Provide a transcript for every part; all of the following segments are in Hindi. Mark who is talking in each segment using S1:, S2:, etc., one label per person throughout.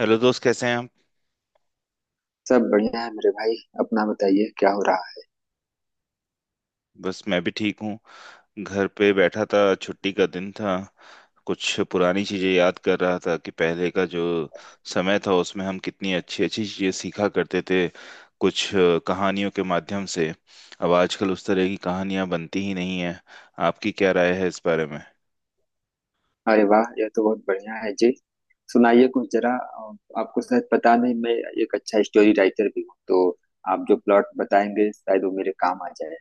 S1: हेलो दोस्त, कैसे हैं आप।
S2: सब बढ़िया है मेरे भाई। अपना बताइए क्या हो रहा है।
S1: बस मैं भी ठीक हूँ। घर पे बैठा था, छुट्टी का दिन था। कुछ पुरानी चीजें याद कर रहा था कि पहले का जो समय था उसमें हम कितनी अच्छी अच्छी चीजें सीखा करते थे कुछ कहानियों के माध्यम से। अब आजकल उस तरह की कहानियां बनती ही नहीं है। आपकी क्या राय है इस बारे में।
S2: अरे वाह, यह तो बहुत बढ़िया है जी। सुनाइए कुछ जरा आपको शायद पता नहीं, मैं एक अच्छा स्टोरी राइटर भी हूँ, तो आप जो प्लॉट बताएंगे शायद वो मेरे काम आ जाए।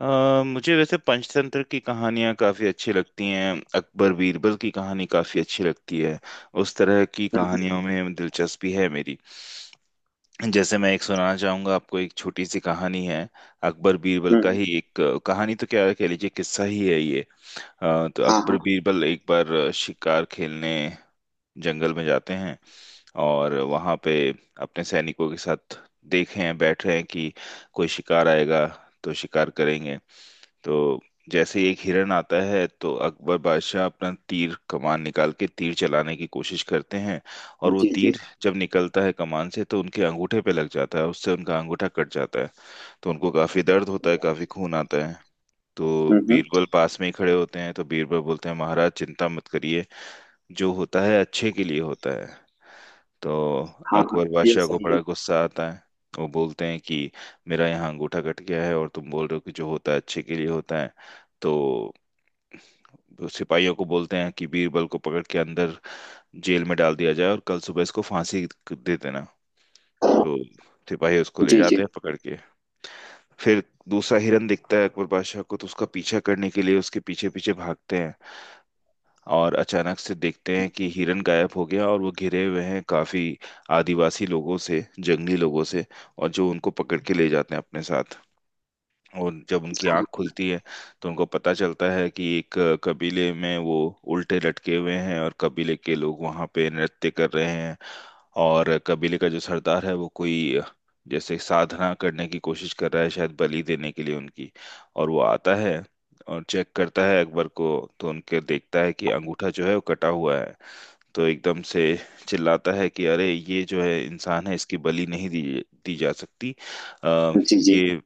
S1: मुझे वैसे पंचतंत्र की कहानियां काफी अच्छी लगती हैं। अकबर बीरबल की कहानी काफी अच्छी लगती है। उस तरह की
S2: हम्म
S1: कहानियों में दिलचस्पी है मेरी। जैसे मैं एक सुनाना चाहूंगा आपको, एक छोटी सी कहानी है। अकबर बीरबल
S2: हम्म।
S1: का
S2: हम्म।
S1: ही एक कहानी तो क्या कह लीजिए, किस्सा ही है ये। तो
S2: हाँ
S1: अकबर
S2: हाँ।
S1: बीरबल एक बार शिकार खेलने जंगल में जाते हैं। और वहां पे अपने सैनिकों के साथ देखे हैं, बैठ रहे हैं कि कोई शिकार आएगा तो शिकार करेंगे। तो जैसे ही एक हिरन आता है तो अकबर बादशाह अपना तीर कमान निकाल के तीर चलाने की कोशिश करते हैं। और वो
S2: जी जी।
S1: तीर जब निकलता है कमान से तो उनके अंगूठे पे लग जाता है, उससे उनका अंगूठा कट जाता है। तो उनको काफी दर्द होता है, काफी खून आता है। तो
S2: हम्म।
S1: बीरबल पास में ही खड़े होते हैं, तो बीरबल बोलते हैं महाराज चिंता मत करिए, जो होता है अच्छे के लिए होता है। तो
S2: हाँ हाँ,
S1: अकबर
S2: यह
S1: बादशाह को
S2: सही है।
S1: बड़ा गुस्सा आता है। वो बोलते हैं कि मेरा यहाँ अंगूठा कट गया है और तुम बोल रहे हो कि जो होता है अच्छे के लिए होता है। तो सिपाहियों को बोलते हैं कि बीरबल को पकड़ के अंदर जेल में डाल दिया जाए और कल सुबह इसको फांसी दे देना। तो सिपाही उसको ले
S2: जी जी।
S1: जाते हैं पकड़ के। फिर दूसरा हिरन दिखता है अकबर बादशाह को, तो उसका पीछा करने के लिए उसके पीछे पीछे भागते हैं। और अचानक से देखते हैं कि हिरन गायब हो गया और वो घिरे हुए हैं काफी आदिवासी लोगों से, जंगली लोगों से। और जो उनको पकड़ के ले जाते हैं अपने साथ। और जब उनकी आंख खुलती है तो उनको पता चलता है कि एक कबीले में वो उल्टे लटके हुए हैं और कबीले के लोग वहां पे नृत्य कर रहे हैं। और कबीले का जो सरदार है वो कोई जैसे साधना करने की कोशिश कर रहा है, शायद बलि देने के लिए उनकी। और वो आता है और चेक करता है अकबर को, तो उनके देखता है कि अंगूठा जो है वो कटा हुआ है। तो एकदम से चिल्लाता है कि अरे ये जो है इंसान है, इसकी बलि नहीं दी दी जा सकती। आ,
S2: जी जी।
S1: ये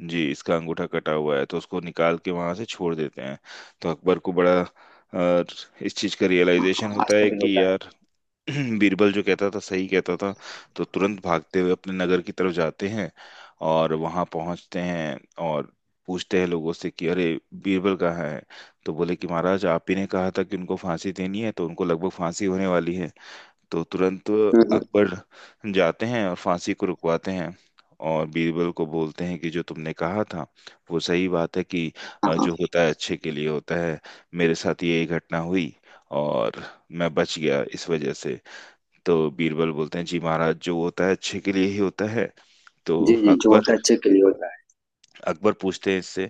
S1: जी इसका अंगूठा कटा हुआ है, तो उसको निकाल के वहां से छोड़ देते हैं। तो अकबर को बड़ा इस चीज का रियलाइजेशन
S2: हाँ,
S1: होता है
S2: आश्चर्य
S1: कि
S2: होता है।
S1: यार बीरबल जो कहता था सही कहता था। तो तुरंत भागते हुए अपने नगर की तरफ जाते हैं और वहां पहुंचते हैं। और पूछते हैं लोगों से कि अरे बीरबल कहाँ है। तो बोले कि महाराज आप ही ने कहा था कि उनको फांसी देनी है, तो उनको लगभग फांसी होने वाली है। तो तुरंत
S2: हम्म।
S1: अकबर जाते हैं और फांसी को रुकवाते हैं। और बीरबल को बोलते हैं कि जो तुमने कहा था वो सही बात है कि
S2: हाँ हाँ।
S1: जो होता है अच्छे के लिए होता है। मेरे साथ ये घटना हुई और मैं बच गया इस वजह से। तो बीरबल बोलते हैं जी महाराज जो होता है अच्छे के लिए ही होता है। तो
S2: जी जी, जो होता
S1: अकबर
S2: है अच्छे के लिए होता है।
S1: अकबर पूछते हैं इससे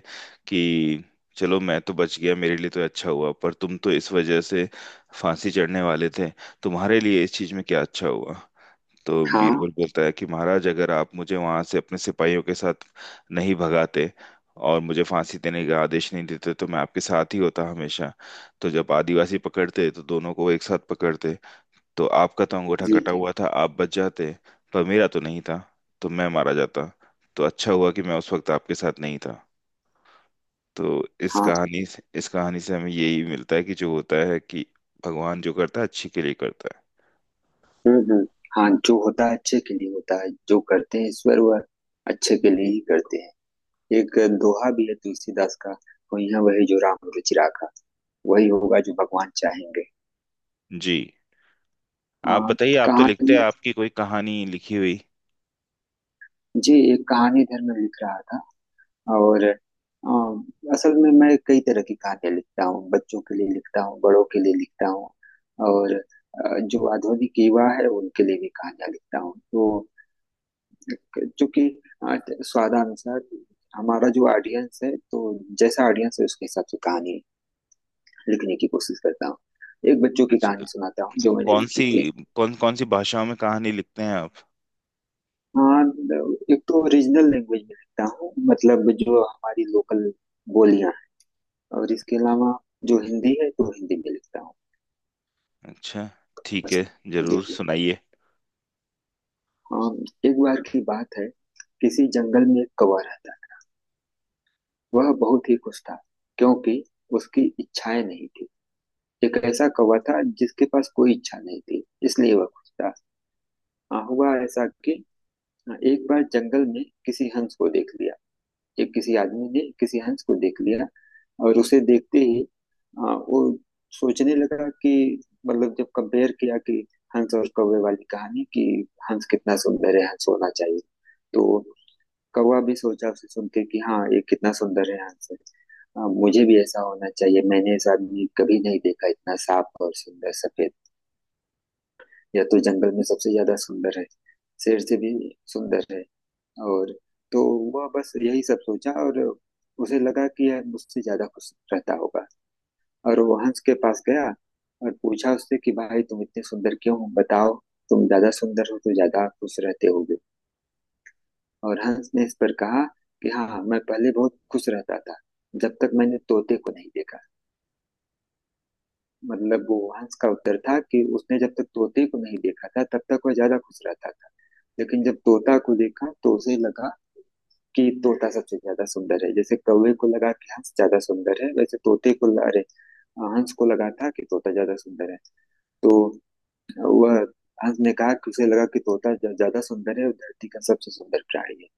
S1: कि चलो मैं तो बच गया, मेरे लिए तो अच्छा हुआ, पर तुम तो इस वजह से फांसी चढ़ने वाले थे, तुम्हारे लिए इस चीज में क्या अच्छा हुआ। तो
S2: हाँ।
S1: बीरबल बोलता है कि महाराज अगर आप मुझे वहां से अपने सिपाहियों के साथ नहीं भगाते और मुझे फांसी देने का आदेश नहीं देते तो मैं आपके साथ ही होता हमेशा। तो जब आदिवासी पकड़ते तो दोनों को एक साथ पकड़ते। तो आपका तो अंगूठा
S2: जी
S1: कटा
S2: जी।
S1: हुआ था, आप बच जाते, पर मेरा तो नहीं था तो मैं मारा जाता। तो अच्छा हुआ कि मैं उस वक्त आपके साथ नहीं था। तो
S2: हाँ।
S1: इस कहानी से हमें यही मिलता है कि जो होता है कि भगवान जो करता है अच्छे के लिए करता
S2: हम्म। हाँ, जो होता है अच्छे के लिए होता है। जो करते हैं ईश्वर वह अच्छे के लिए ही करते हैं। एक दोहा भी है तुलसीदास का, वही है, वही जो राम रुचि राखा, वही होगा जो भगवान चाहेंगे।
S1: है जी।
S2: आ,
S1: आप बताइए, आप तो लिखते
S2: कहानी।
S1: हैं, आपकी कोई कहानी लिखी हुई।
S2: जी, एक कहानी इधर में लिख रहा था। और असल में मैं कई तरह की कहानियां लिखता हूँ, बच्चों के लिए लिखता हूँ, बड़ों के लिए लिखता हूँ और जो आधुनिक युवा है उनके लिए भी कहानियां लिखता हूँ। तो क्योंकि अ, स्वादानुसार हमारा जो ऑडियंस है, तो जैसा ऑडियंस है उसके हिसाब से कहानी लिखने की कोशिश करता हूँ। एक बच्चों की
S1: अच्छा।
S2: कहानी सुनाता हूँ जो मैंने
S1: कौन
S2: लिखी
S1: सी,
S2: थी।
S1: कौन कौन सी भाषाओं में कहानी लिखते हैं आप।
S2: हाँ, एक तो रीजनल लैंग्वेज में लिखता हूँ, मतलब जो हमारी लोकल बोलियां हैं, और इसके अलावा जो हिंदी है तो हिंदी में लिखता हूँ।
S1: अच्छा, ठीक
S2: बस।
S1: है।
S2: जी
S1: जरूर
S2: जी।
S1: सुनाइए।
S2: हाँ। एक बार की बात है, किसी जंगल में एक कौवा रहता था। वह बहुत ही खुश था क्योंकि उसकी इच्छाएं नहीं थी। एक ऐसा कौवा था जिसके पास कोई इच्छा नहीं थी, इसलिए वह खुश था। हाँ, हुआ ऐसा कि हाँ, एक बार जंगल में किसी हंस को देख लिया। एक किसी आदमी ने किसी हंस को देख लिया और उसे देखते ही हाँ, वो सोचने लगा कि मतलब जब कंपेयर किया कि हंस और कौवे वाली कहानी कि हंस कितना सुंदर है, हंस होना चाहिए। तो कौवा भी सोचा उसे सुन के कि हाँ, ये कितना सुंदर है हंस। हाँ, मुझे भी ऐसा होना चाहिए, मैंने ऐसा आदमी कभी नहीं देखा, इतना साफ और सुंदर सफेद। या तो जंगल में सबसे ज्यादा सुंदर है, शेर से भी सुंदर है। और तो वह बस यही सब सोचा और उसे लगा कि यह मुझसे ज्यादा खुश रहता होगा। और वो हंस के पास गया और पूछा उससे कि भाई, तुम इतने सुंदर क्यों हो बताओ। तुम ज्यादा सुंदर हो तो ज्यादा खुश रहते होगे। और हंस ने इस पर कहा कि हाँ हाँ, मैं पहले बहुत खुश रहता था, जब तक मैंने तोते को नहीं देखा। मतलब वो हंस का उत्तर था कि उसने जब तक तोते को नहीं देखा था, तब तक वह ज्यादा खुश रहता था। लेकिन जब तोता को देखा तो उसे लगा कि तोता सबसे ज्यादा सुंदर है। जैसे कौवे को लगा कि हंस ज्यादा सुंदर है, वैसे तोते को अरे, हंस को लगा था कि तोता ज्यादा सुंदर है। तो वह हंस ने कहा कि उसे लगा कि तोता ज्यादा सुंदर है और धरती का सबसे सुंदर प्राणी है।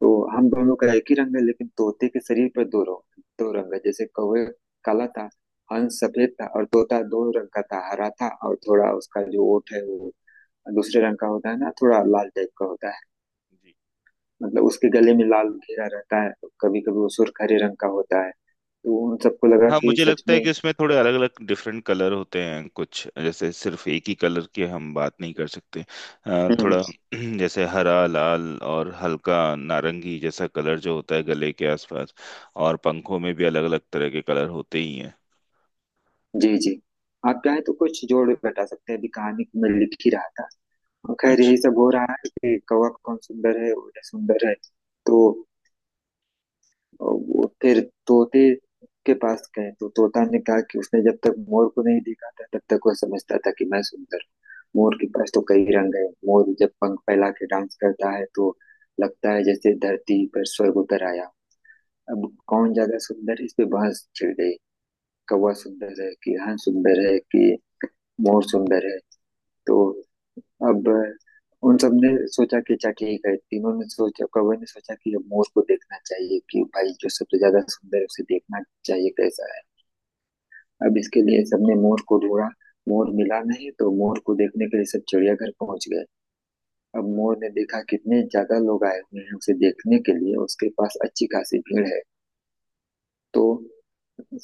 S2: तो हम दोनों का एक ही रंग है लेकिन तोते के शरीर पर दो रंग, दो रंग है। जैसे कौवे काला था, हंस सफेद था और तोता दो रंग का था, हरा था और थोड़ा उसका जो ओठ है वो दूसरे रंग का होता है ना, थोड़ा लाल टाइप का होता है।
S1: जी
S2: मतलब उसके गले में लाल घेरा रहता है। कभी कभी वो सुर्ख हरे रंग का होता है। तो उन सबको लगा
S1: हाँ,
S2: कि
S1: मुझे
S2: सच
S1: लगता
S2: में।
S1: है कि उसमें थोड़े अलग अलग डिफरेंट कलर होते हैं, कुछ जैसे सिर्फ एक ही कलर की हम बात नहीं कर सकते।
S2: हम्म।
S1: थोड़ा जैसे हरा, लाल और हल्का नारंगी जैसा कलर जो होता है गले के आसपास। और पंखों में भी अलग अलग तरह के कलर होते ही हैं।
S2: जी जी। आप चाहे तो कुछ जोड़ घटा सकते हैं, अभी कहानी में लिख ही रहा था। और खैर
S1: अच्छा।
S2: यही सब हो रहा है कि कौवा कौन सुंदर है, उड़े सुंदर है। तो और वो फिर तोते के पास गए तो तोता ने कहा कि उसने जब तक मोर को नहीं देखा था, तब तक वो समझता था कि मैं सुंदर हूं। मोर के पास तो कई रंग है, मोर जब पंख फैला के डांस करता है तो लगता है जैसे धरती पर स्वर्ग उतर आया। अब कौन ज्यादा सुंदर, इस पे बहस छिड़ गई। कौवा सुंदर है कि हंस सुंदर है कि मोर सुंदर है। तो अब उन सब ने सोचा कि अच्छा ठीक है, तीनों ने सोचा, कौवे ने सोचा कि अब मोर को देखना चाहिए कि भाई जो सबसे ज्यादा सुंदर है उसे देखना चाहिए कैसा है। अब इसके लिए सबने मोर को ढूंढा, मोर मिला नहीं तो मोर को देखने के लिए सब चिड़ियाघर पहुंच गए। अब मोर ने देखा कितने ज्यादा लोग आए हुए हैं उसे देखने के लिए, उसके पास अच्छी खासी भीड़ है। तो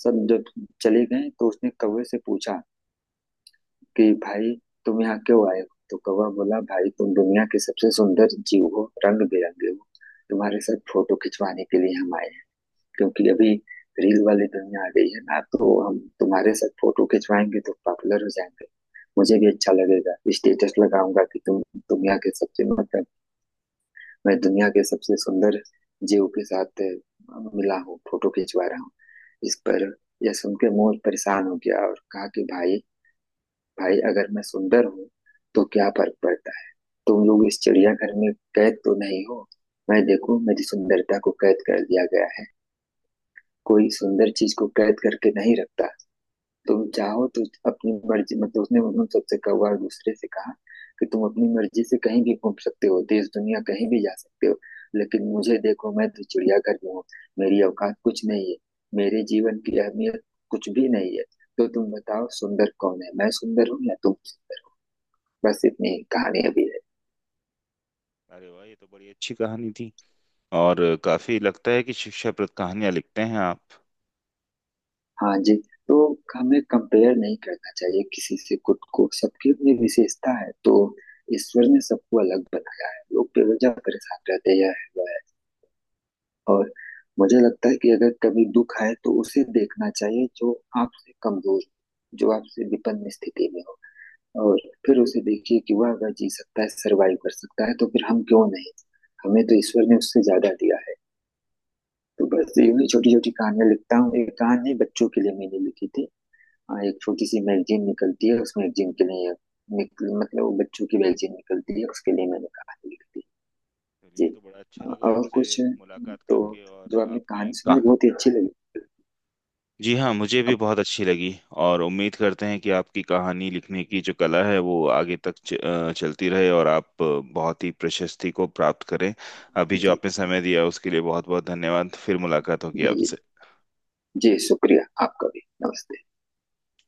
S2: सब जब चले गए तो उसने कौवे से पूछा कि भाई तुम यहाँ क्यों आए हो। तो कौवा बोला, भाई तुम दुनिया के सबसे सुंदर जीव हो, रंग बिरंगे हो, तुम्हारे साथ फोटो खिंचवाने के लिए हम आए हैं। क्योंकि अभी रील वाली दुनिया आ गई है ना, तो हम तुम्हारे साथ फोटो खिंचवाएंगे तो पॉपुलर हो जाएंगे। मुझे भी अच्छा लगेगा, स्टेटस लगाऊंगा कि तुम दुनिया के सबसे मतलब मैं दुनिया के सबसे सुंदर जीव के साथ मिला हूँ, फोटो खिंचवा रहा हूँ। इस पर यह सुन के मोर परेशान हो गया और कहा कि भाई, भाई अगर मैं सुंदर हूँ तो क्या फर्क पड़ता है। तुम लोग इस चिड़ियाघर में कैद तो नहीं हो। मैं देखो, मेरी सुंदरता को कैद कर दिया गया है। कोई सुंदर चीज को कैद करके नहीं रखता। तुम चाहो तो अपनी मर्जी, मतलब उसने उन सबसे कौवा और दूसरे से कहा कि तुम अपनी मर्जी से कहीं भी घूम सकते हो, देश दुनिया कहीं भी जा सकते हो। लेकिन मुझे देखो, मैं तो चिड़ियाघर में हूँ। मेरी औकात कुछ नहीं है, मेरे जीवन की अहमियत कुछ भी नहीं है। तो तुम बताओ सुंदर कौन है, मैं सुंदर हूँ या तुम सुंदर? बस इतनी कहानियां भी है।
S1: अरे वाह, ये तो बड़ी अच्छी कहानी थी। और काफी लगता है कि शिक्षाप्रद कहानियां लिखते हैं आप।
S2: हाँ जी। तो हमें कंपेयर नहीं करना चाहिए किसी से खुद को, सबकी अपनी विशेषता है। तो ईश्वर ने सबको अलग बनाया है, लोग बेवजह परेशान रहते हैं, यह है वह है। और मुझे लगता है कि अगर कभी दुख आए तो उसे देखना चाहिए जो आपसे कमजोर, जो आपसे विपन्न स्थिति में हो, और फिर उसे देखिए कि वह अगर जी सकता है, सरवाइव कर सकता है, तो फिर हम क्यों नहीं। हमें तो ईश्वर ने उससे ज्यादा दिया है। तो बस
S1: हम्म।
S2: यूं छोटी छोटी कहानियां लिखता हूँ, एक कहानी बच्चों के लिए मैंने लिखी थी। हाँ, एक छोटी सी मैगजीन निकलती है, उस मैगजीन के लिए निकल मतलब वो बच्चों की मैगजीन निकलती है, उसके लिए मैंने कहानी लिखी थी।
S1: चलिए,
S2: जी।
S1: ये तो बड़ा अच्छा लगा
S2: और
S1: आपसे
S2: कुछ
S1: मुलाकात
S2: तो
S1: करके
S2: जो
S1: और
S2: आपने
S1: आपकी।
S2: कहानी सुनाई बहुत ही अच्छी लगी।
S1: जी हाँ, मुझे भी
S2: अब
S1: बहुत अच्छी लगी। और उम्मीद करते हैं कि आपकी कहानी लिखने की जो कला है वो आगे तक चलती रहे। और आप बहुत ही प्रशस्ति को प्राप्त करें। अभी जो
S2: जी
S1: आपने समय दिया उसके लिए बहुत बहुत धन्यवाद। फिर मुलाकात होगी
S2: जी। जी
S1: आपसे।
S2: जी, शुक्रिया। आपका भी नमस्ते।